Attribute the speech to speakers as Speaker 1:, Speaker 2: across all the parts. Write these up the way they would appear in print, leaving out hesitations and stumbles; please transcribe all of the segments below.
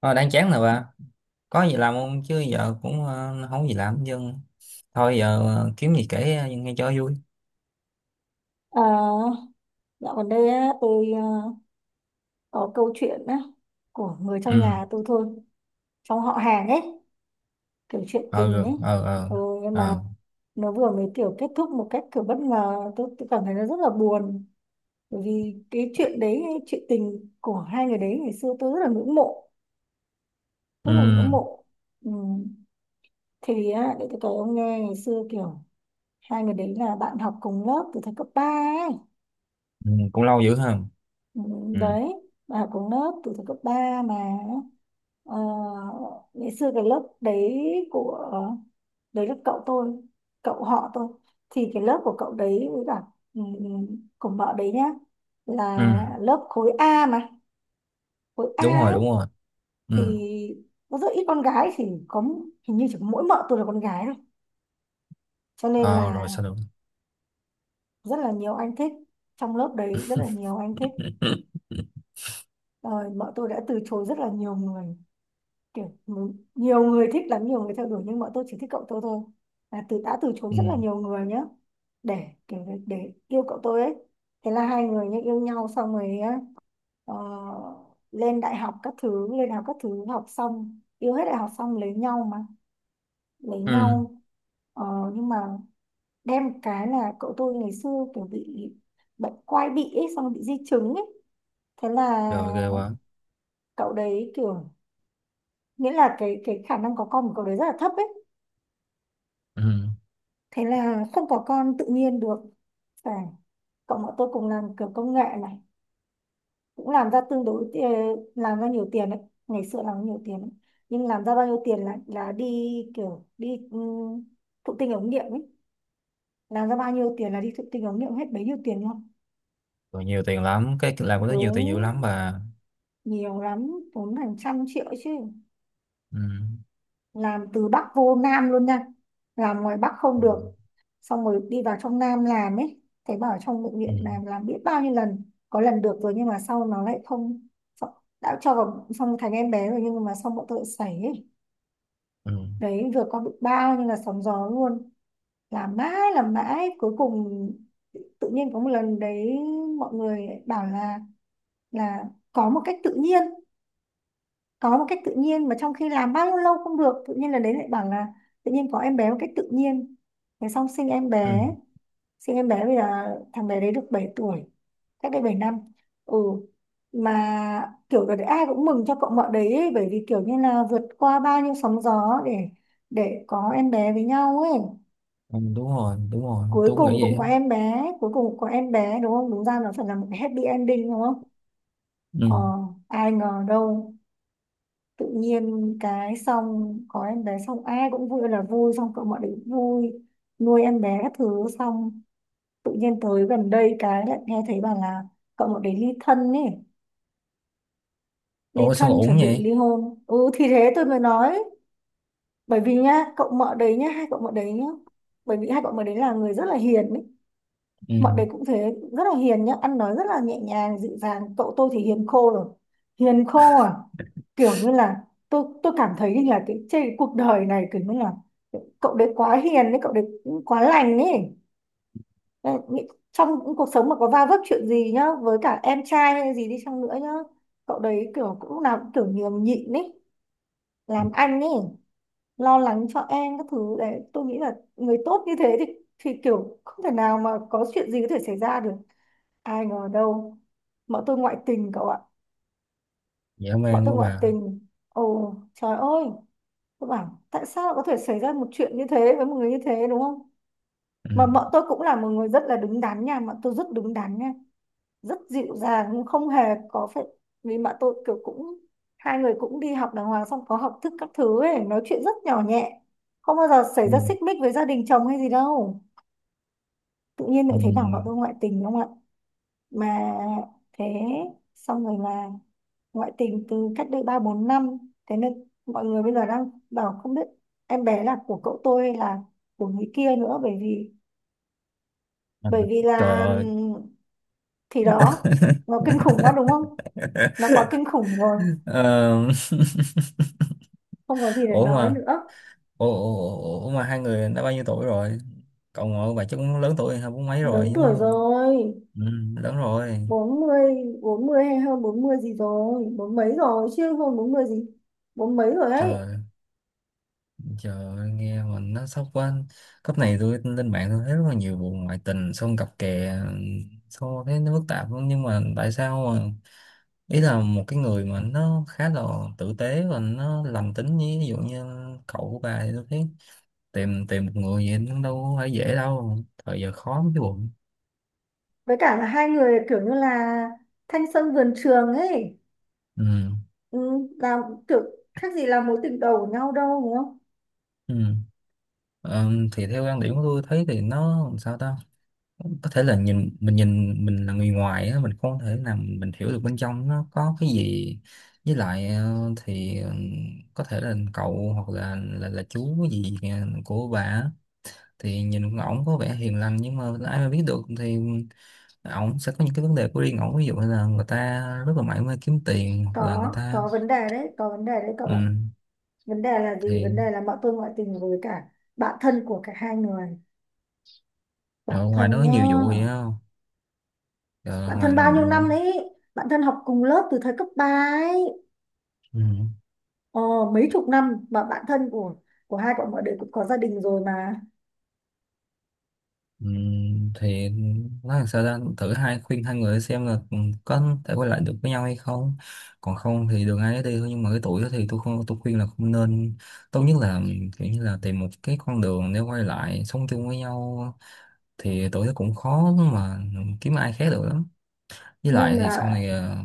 Speaker 1: Ờ, đang chán rồi bà, có gì làm không chứ giờ cũng không có gì làm. Nhưng thôi giờ kiếm gì kể nghe cho vui.
Speaker 2: À, dạo gần đây á, tôi à, có câu chuyện á, của người trong
Speaker 1: Ừ.
Speaker 2: nhà tôi thôi, trong họ hàng ấy, kiểu chuyện
Speaker 1: Ờ,
Speaker 2: tình
Speaker 1: ừ,
Speaker 2: ấy.
Speaker 1: ờ, ờ.
Speaker 2: Ừ, nhưng mà
Speaker 1: Ờ,
Speaker 2: nó vừa mới kiểu kết thúc một cách kiểu bất ngờ, tôi cảm thấy nó rất là buồn. Bởi vì cái chuyện đấy, chuyện tình của hai người đấy ngày xưa tôi rất là ngưỡng mộ, rất
Speaker 1: ừ.
Speaker 2: là ngưỡng mộ. Ừ. Thì á, để tôi kể ông nghe ngày xưa kiểu hai người đấy là bạn học cùng lớp từ thời cấp 3 ấy.
Speaker 1: Ừ, cũng lâu dữ ha.
Speaker 2: Ừ,
Speaker 1: Ừ.
Speaker 2: đấy, bạn học cùng lớp từ thời cấp 3 mà. Ờ, ngày xưa cái lớp đấy của đấy là cậu tôi, cậu họ tôi, thì cái lớp của cậu đấy với cả của vợ đấy nhá
Speaker 1: Ừ,
Speaker 2: là lớp khối A mà, khối A
Speaker 1: đúng rồi,
Speaker 2: ấy,
Speaker 1: đúng rồi. Ừ.
Speaker 2: thì có rất ít con gái, thì có hình như chỉ có mỗi vợ tôi là con gái thôi, cho nên
Speaker 1: Ờ, rồi
Speaker 2: là
Speaker 1: sao được.
Speaker 2: rất là nhiều anh thích, trong lớp đấy rất là nhiều anh thích, rồi vợ tôi đã từ chối rất là nhiều người, kiểu nhiều người thích lắm, nhiều người theo đuổi, nhưng bọn tôi chỉ thích cậu tôi thôi, là từ đã từ chối
Speaker 1: Ừ.
Speaker 2: rất là nhiều người nhá, để kiểu để yêu cậu tôi ấy. Thế là hai người nhá yêu nhau xong rồi á, ờ, lên đại học các thứ, lên đại học các thứ, học xong yêu hết đại học xong lấy nhau mà, lấy
Speaker 1: Ừ,
Speaker 2: nhau. Ờ, nhưng mà đem cái là cậu tôi ngày xưa kiểu bị bệnh quai bị ấy, xong rồi bị di chứng ấy, thế là
Speaker 1: rồi ghê quá.
Speaker 2: cậu đấy kiểu, nghĩa là cái khả năng có con của cậu đấy rất là thấp ấy,
Speaker 1: Ừ.
Speaker 2: thế là không có con tự nhiên được, phải. Cộng bọn tôi cùng làm kiểu công nghệ này cũng làm ra làm ra nhiều tiền đấy, ngày xưa làm nhiều tiền đấy. Nhưng làm ra bao nhiêu tiền là đi, kiểu đi thụ tinh ống nghiệm ấy, làm ra bao nhiêu tiền là đi thụ tinh ống nghiệm hết bấy nhiêu tiền luôn.
Speaker 1: Rồi, nhiều tiền lắm, cái làm của nó nhiều tiền, nhiều
Speaker 2: Đúng,
Speaker 1: lắm bà.
Speaker 2: nhiều lắm, tốn hàng trăm triệu chứ.
Speaker 1: Ừ.
Speaker 2: Làm từ Bắc vô Nam luôn nha, làm ngoài Bắc không
Speaker 1: Ừ.
Speaker 2: được, xong rồi đi vào trong Nam làm ấy. Thấy bảo trong bệnh
Speaker 1: Ừ.
Speaker 2: viện làm biết bao nhiêu lần, có lần được rồi nhưng mà sau nó lại không, đã cho vào xong thành em bé rồi nhưng mà xong bọn tôi lại sảy ấy.
Speaker 1: Ừ.
Speaker 2: Đấy, vừa có bị bao nhiêu là sóng gió luôn, làm mãi cuối cùng tự nhiên có một lần đấy, mọi người bảo là có một cách tự nhiên, có một cách tự nhiên, mà trong khi làm bao nhiêu lâu không được, tự nhiên là đấy lại bảo là tự nhiên có em bé một cách tự nhiên. Thế xong sinh em
Speaker 1: Ừ.
Speaker 2: bé, sinh em bé. Bây giờ thằng bé đấy được 7 tuổi, cách đây 7 năm. Ừ, mà kiểu là ai cũng mừng cho cậu mợ đấy ấy, bởi vì kiểu như là vượt qua bao nhiêu sóng gió để có em bé với nhau ấy.
Speaker 1: Ừ, đúng rồi, đúng rồi,
Speaker 2: Cuối
Speaker 1: tôi cũng
Speaker 2: cùng
Speaker 1: nghĩ vậy
Speaker 2: cũng có
Speaker 1: á.
Speaker 2: em bé, cuối cùng cũng có em bé, đúng không? Đúng ra nó phải là một cái happy ending đúng không.
Speaker 1: Ừ.
Speaker 2: Ờ, ai ngờ đâu, tự nhiên cái xong có em bé xong ai cũng vui là vui, xong cậu mọi đứa cũng vui, nuôi em bé các thứ xong, tự nhiên tới gần đây cái lại nghe thấy bảo là cậu mọi đứa ly thân ấy, ly
Speaker 1: Ủa sao
Speaker 2: thân
Speaker 1: ổn
Speaker 2: chuẩn bị
Speaker 1: vậy?
Speaker 2: ly hôn. Ừ thì thế tôi mới nói, bởi vì nhá cậu mợ đấy nhá, hai cậu mợ đấy nhá, bởi vì hai cậu mợ đấy là người rất là hiền ấy,
Speaker 1: Ừ. Ừ.
Speaker 2: mọi đấy cũng thế, rất là hiền nhá, ăn nói rất là nhẹ nhàng, dịu dàng. Cậu tôi thì hiền khô rồi. Hiền khô à? Kiểu như là tôi cảm thấy như là cái trên cái cuộc đời này kiểu như là cậu đấy quá hiền đấy, cậu đấy cũng quá lành ấy. Đấy, trong những cuộc sống mà có va vấp chuyện gì nhá, với cả em trai hay gì đi chăng nữa nhá, cậu đấy kiểu cũng lúc nào cũng kiểu nhường nhịn ấy, làm anh ấy, lo lắng cho em các thứ đấy. Tôi nghĩ là người tốt như thế thì kiểu không thể nào mà có chuyện gì có thể xảy ra được. Ai ngờ đâu, bọn tôi ngoại tình cậu ạ,
Speaker 1: Dã
Speaker 2: bọn
Speaker 1: man
Speaker 2: tôi
Speaker 1: quá
Speaker 2: ngoại
Speaker 1: bà.
Speaker 2: tình. Ồ, trời ơi, tôi bảo tại sao lại có thể xảy ra một chuyện như thế với một người như thế đúng không?
Speaker 1: Ừ.
Speaker 2: Mà bọn tôi cũng là một người rất là đứng đắn nha, bọn tôi rất đứng đắn nha, rất dịu dàng, không hề có phải. Vì bọn tôi kiểu cũng, hai người cũng đi học đàng hoàng, xong có học thức các thứ ấy, nói chuyện rất nhỏ nhẹ, không bao giờ xảy
Speaker 1: Ừ.
Speaker 2: ra xích mích với gia đình chồng hay gì đâu, tự nhiên
Speaker 1: Ừ.
Speaker 2: lại thấy bảo bọn tôi ngoại tình đúng không ạ? Mà thế, xong rồi là ngoại tình từ cách đây ba bốn năm, thế nên mọi người bây giờ đang bảo không biết em bé là của cậu tôi hay là của người kia nữa, bởi vì,
Speaker 1: À,
Speaker 2: bởi vì
Speaker 1: trời
Speaker 2: là
Speaker 1: ơi.
Speaker 2: thì đó, nó kinh khủng quá đúng không, nó quá kinh khủng rồi,
Speaker 1: Ờ,
Speaker 2: không có gì để
Speaker 1: ủa
Speaker 2: nói
Speaker 1: mà,
Speaker 2: nữa.
Speaker 1: ủa, ủa, ủa, ủa mà hai người đã bao nhiêu tuổi rồi? Cậu ngồi bà chắc cũng lớn tuổi, hai bốn mấy
Speaker 2: Lớn
Speaker 1: rồi đúng
Speaker 2: tuổi
Speaker 1: không?
Speaker 2: rồi,
Speaker 1: Ừ, lớn rồi.
Speaker 2: bốn mươi bốn mươi hay hơn bốn mươi gì rồi, bốn mấy rồi chứ, hơn bốn mươi gì, bốn mấy rồi ấy.
Speaker 1: Trời. Trời ơi, nghe mình nó sốc quá. Cấp này tôi lên mạng tôi thấy rất là nhiều vụ ngoại tình, xong cặp kè, xong thấy nó phức tạp lắm. Nhưng mà tại sao mà ý là một cái người mà nó khá là tử tế và nó lành tính, như ví dụ như cậu của bà, thì tôi thấy tìm tìm một người gì nó đâu phải dễ đâu. Thời giờ khó mới cái bụng.
Speaker 2: Với cả là hai người kiểu như là thanh xuân vườn trường ấy,
Speaker 1: Ừ.
Speaker 2: ừ, là kiểu khác gì là mối tình đầu của nhau đâu đúng không.
Speaker 1: Ừ. Ờ, thì theo quan điểm của tôi thấy thì nó làm sao ta, có thể là nhìn mình là người ngoài á, mình không thể nào mình hiểu được bên trong nó có cái gì. Với lại thì có thể là cậu hoặc là chú gì kìa của bà á, thì nhìn ổng có vẻ hiền lành, nhưng mà ai mà biết được thì ổng sẽ có những cái vấn đề của riêng ổng, ví dụ như là người ta rất là mải mê kiếm tiền hoặc
Speaker 2: có
Speaker 1: là người ta.
Speaker 2: có vấn đề đấy, có vấn đề đấy cậu ạ.
Speaker 1: Ừ.
Speaker 2: Vấn đề là gì? Vấn
Speaker 1: Thì
Speaker 2: đề là bọn tôi ngoại tình với cả bạn thân của cả hai người, bạn
Speaker 1: ở ngoài nó
Speaker 2: thân
Speaker 1: có
Speaker 2: nhá,
Speaker 1: nhiều vụ vậy không? Rồi
Speaker 2: bạn
Speaker 1: ngoài.
Speaker 2: thân bao nhiêu năm đấy, bạn thân học cùng lớp từ thời cấp 3, ấy,
Speaker 1: Ừ.
Speaker 2: ờ, mấy chục năm mà, bạn thân của hai bọn mọi đứa cũng có gia đình rồi mà.
Speaker 1: Ừ. Thì nói làm sao ra thử hai khuyên hai người xem là có thể quay lại được với nhau hay không, còn không thì đường ai nấy đi thôi. Nhưng mà cái tuổi đó thì tôi khuyên là không nên, tốt nhất là kiểu như là tìm một cái con đường để quay lại sống chung với nhau, thì tuổi đó cũng khó mà kiếm ai khác được lắm. Với
Speaker 2: Nhưng
Speaker 1: lại thì sau
Speaker 2: mà
Speaker 1: này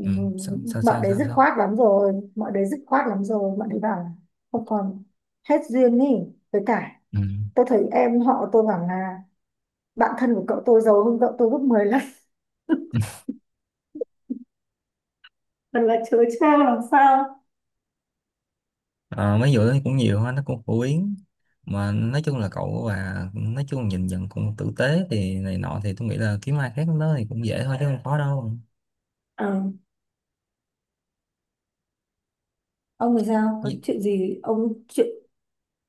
Speaker 1: ừ. Sao, sao,
Speaker 2: bọn
Speaker 1: sao
Speaker 2: đấy
Speaker 1: sao,
Speaker 2: dứt
Speaker 1: sao?
Speaker 2: khoát lắm rồi, bọn đấy dứt khoát lắm rồi, bọn đấy bảo là không còn, hết duyên ý. Với cả
Speaker 1: Ừ.
Speaker 2: tôi thấy em họ tôi bảo là bạn thân của cậu tôi giàu hơn cậu tôi gấp 10 lần. Thật là chớ trêu làm sao.
Speaker 1: Ờ, mấy vụ đó cũng nhiều ha, nó cũng phổ biến. Mà nói chung là cậu, và nói chung nhìn nhận cũng tử tế thì này nọ, thì tôi nghĩ là kiếm ai khác nó thì cũng dễ thôi chứ không khó đâu.
Speaker 2: Ờ, ông thì sao? Có
Speaker 1: Vì-
Speaker 2: chuyện gì? Ông chuyện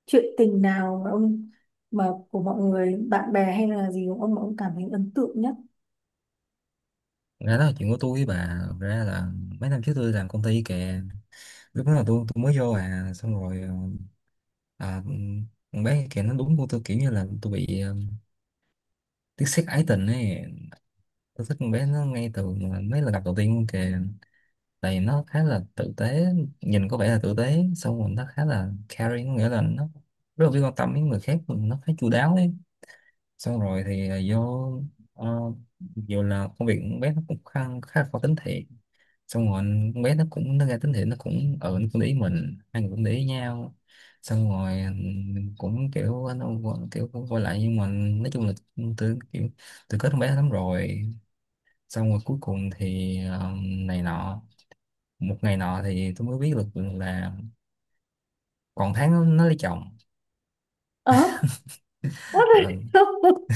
Speaker 2: chuyện tình nào mà ông, mà của mọi người, bạn bè hay là gì của ông mà ông cảm thấy ấn tượng nhất?
Speaker 1: Ra đó là chuyện của tôi với bà. Thật ra là mấy năm trước tôi làm công ty kìa, lúc đó là tôi mới vô, xong rồi à, con bé kìa nó đúng của tôi, kiểu như là tôi bị tiếc xét ái tình ấy. Tôi thích con bé nó ngay từ mà mấy lần gặp đầu tiên luôn kìa, tại vì nó khá là tử tế, nhìn có vẻ là tử tế, xong rồi nó khá là caring, có nghĩa là nó rất là biết quan tâm đến người khác, nó khá chu đáo ấy. Xong rồi thì vô uh, dù là công việc con bé nó cũng khá là khó tính thiệt, xong rồi con bé nó cũng nó ra tính thiện, nó cũng ở nó cũng để ý mình, hai người cũng để ý nhau, xong rồi mình cũng kiểu nó kiểu cũng quay lại, nhưng mà nói chung là tôi kiểu tôi kết con bé lắm rồi. Xong rồi cuối cùng thì này nọ, một ngày nọ thì tôi mới biết được là còn tháng nó lấy chồng.
Speaker 2: ờ What
Speaker 1: Ờ.
Speaker 2: the hell?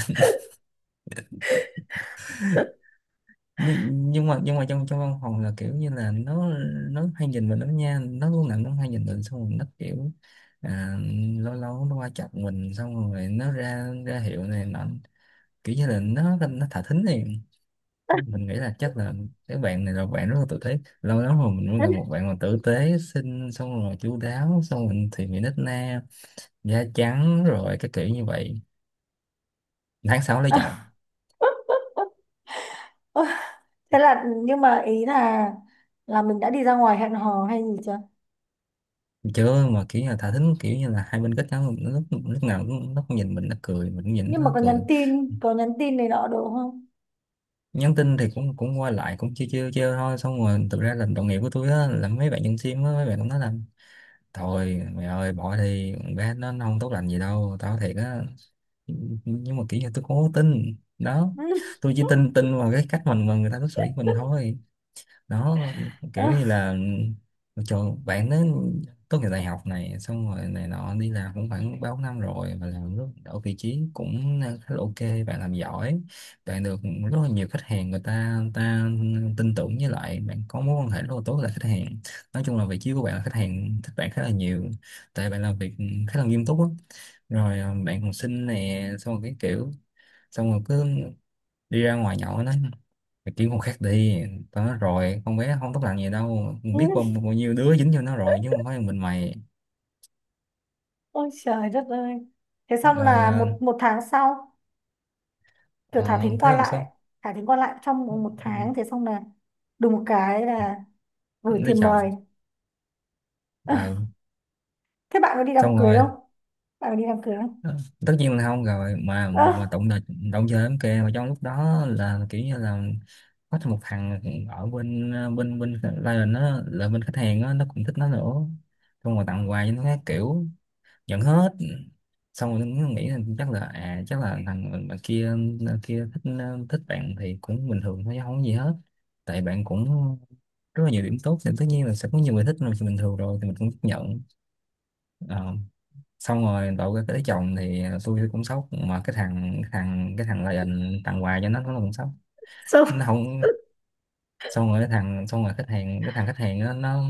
Speaker 1: nhưng, nhưng mà trong trong văn phòng là kiểu như là nó hay nhìn mình lắm nha, nó lúc nào nó hay nhìn mình, xong rồi nó kiểu à, lâu lâu nó qua chọc mình, xong rồi nó ra ra hiệu này nọ, kiểu như là nó thả thính này. Mình nghĩ là chắc là cái bạn này là bạn rất là tử tế, lâu lắm rồi mình mới gặp một bạn mà tử tế, xinh, xong rồi chu đáo, xong rồi thì mình nít na, da trắng rồi, cái kiểu như vậy. tháng 6 lấy
Speaker 2: À,
Speaker 1: chồng.
Speaker 2: ôi, thế là nhưng mà ý là mình đã đi ra ngoài hẹn hò hay gì chưa?
Speaker 1: Chưa, mà kiểu như là thả thính, kiểu như là hai bên kết nhau, nó lúc lúc nào cũng, nó cũng nhìn mình nó cười, mình cũng nhìn nó
Speaker 2: Nhưng mà
Speaker 1: cười.
Speaker 2: có nhắn tin này nọ được không?
Speaker 1: Nhắn tin thì cũng cũng qua lại, cũng chiêu chiêu chiêu thôi, xong rồi thực ra là đồng nghiệp của tôi á, là mấy bạn nhân sim á, mấy bạn cũng nói là thôi mày ơi, bỏ thì bé nó không tốt lành gì đâu, tao thiệt á. Nhưng mà kiểu như tôi không có tin đó, tôi chỉ tin tin vào cái cách mình mà người ta đối xử với mình thôi. Đó. Kiểu như là cho bạn đến tốt nghiệp đại học này, xong rồi này nọ, đi làm cũng khoảng 3-4 năm rồi, và làm rất ở vị trí cũng khá là ok, bạn làm giỏi, bạn được rất là nhiều khách hàng, người ta tin tưởng, với lại bạn có mối quan hệ rất là tốt với lại khách hàng. Nói chung là vị trí của bạn là khách hàng thích bạn khá là nhiều, tại bạn làm việc khá là nghiêm túc á. Rồi bạn còn xinh nè, xong rồi cái kiểu, xong rồi cứ đi ra ngoài nhậu đó, mày kiếm con khác đi, tao nói rồi con bé không tốt lành gì đâu, mình biết bao, bao nhiêu đứa dính cho nó rồi chứ không phải mình mày.
Speaker 2: Ôi trời đất ơi. Thế xong
Speaker 1: Rồi
Speaker 2: là một một tháng sau, kiểu thả
Speaker 1: ờ,
Speaker 2: thính
Speaker 1: thế
Speaker 2: qua
Speaker 1: làm
Speaker 2: lại,
Speaker 1: sao?
Speaker 2: thả thính qua lại trong một một tháng, thế xong là đùng một cái là gửi
Speaker 1: Lấy
Speaker 2: tiền
Speaker 1: chồng.
Speaker 2: mời.
Speaker 1: Ờ,
Speaker 2: Thế bạn có đi đám
Speaker 1: xong
Speaker 2: cưới
Speaker 1: rồi
Speaker 2: không? Bạn có đi đám cưới không?
Speaker 1: tất nhiên là không rồi, mà
Speaker 2: Ơ,
Speaker 1: mà tụng là động chơi lắm kìa, mà trong lúc đó là kiểu như là có thêm một thằng ở bên client, nó là bên khách hàng á, nó cũng thích nó nữa, xong rồi tặng quà cho nó các kiểu. Nhận hết. Xong rồi nó nghĩ là chắc là thằng bạn bạn kia, kia thích bạn thì cũng bình thường thôi chứ không có gì hết. Tại bạn cũng rất là nhiều điểm tốt, thì tất nhiên là sẽ có nhiều người thích rồi, thì bình thường rồi thì mình cũng chấp nhận. Ờ, xong rồi đậu cái tới chồng thì tôi cũng sốc, mà cái thằng lại tặng quà cho nó cũng sốc. Nó
Speaker 2: sốc.
Speaker 1: không. Xong rồi cái thằng, xong rồi khách hàng, cái thằng khách hàng nó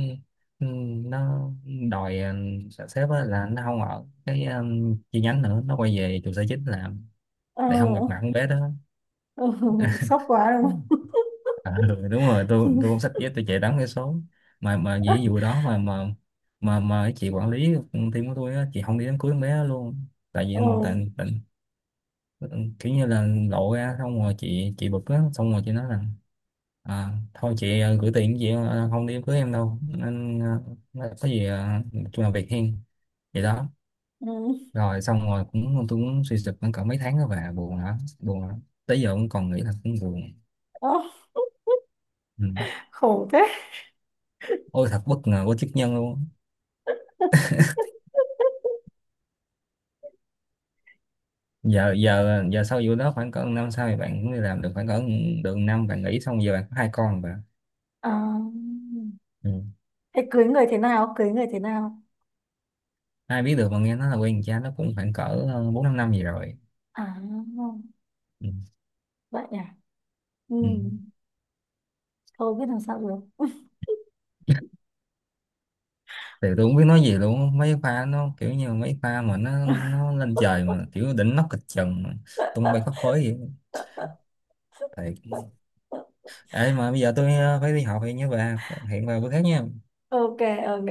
Speaker 1: ừ, nó đòi sếp á là nó không ở cái chi nhánh nữa, nó quay về trụ sở chính làm
Speaker 2: Ờ,
Speaker 1: để không gặp mặt con bé đó.
Speaker 2: ừ, sốc quá
Speaker 1: Ừ.
Speaker 2: đúng không?
Speaker 1: À, ừ, đúng rồi, tôi cũng xách dép tôi chạy đón cái số, mà vì vụ đó mà mà cái chị quản lý team của tôi á, chị không đi đám cưới con bé đó luôn, tại vì
Speaker 2: Ừ,
Speaker 1: tại, tại. Ừ, kiểu như là lộ ra, xong rồi chị bực á, xong rồi chị nói là thôi chị gửi tiền, chị không đi đám cưới em đâu nên nói có gì chung là việc hiên. Vậy đó.
Speaker 2: ừ,
Speaker 1: Rồi xong rồi cũng tôi cũng suy sụp cũng cỡ mấy tháng đó, và buồn lắm, buồn lắm, tới giờ cũng còn nghĩ là cũng buồn.
Speaker 2: ơ,
Speaker 1: Ừ.
Speaker 2: khổ thế.
Speaker 1: Ôi thật bất ngờ của chức nhân luôn. Giờ giờ giờ sau vụ đó khoảng cỡ năm sau thì bạn cũng đi làm được khoảng cỡ được năm, bạn nghỉ, xong giờ bạn có hai con rồi bạn.
Speaker 2: À,
Speaker 1: Ừ.
Speaker 2: thế cưới người thế nào? Cưới người thế nào?
Speaker 1: Ai biết được, mà nghe nói là quen cha nó cũng khoảng cỡ 4-5 năm gì rồi.
Speaker 2: À,
Speaker 1: Ừ.
Speaker 2: vậy à? Ừ,
Speaker 1: Ừ.
Speaker 2: thôi biết làm sao được.
Speaker 1: Thì tôi không biết nói gì luôn, mấy pha nó kiểu như mấy pha mà nó lên trời, mà kiểu đỉnh nóc kịch trần mà tung bay khắp phới vậy. Thiệt. Ấy mà bây giờ tôi phải đi học, thì nhớ về hiện vào bữa khác nha.
Speaker 2: Ok, ok.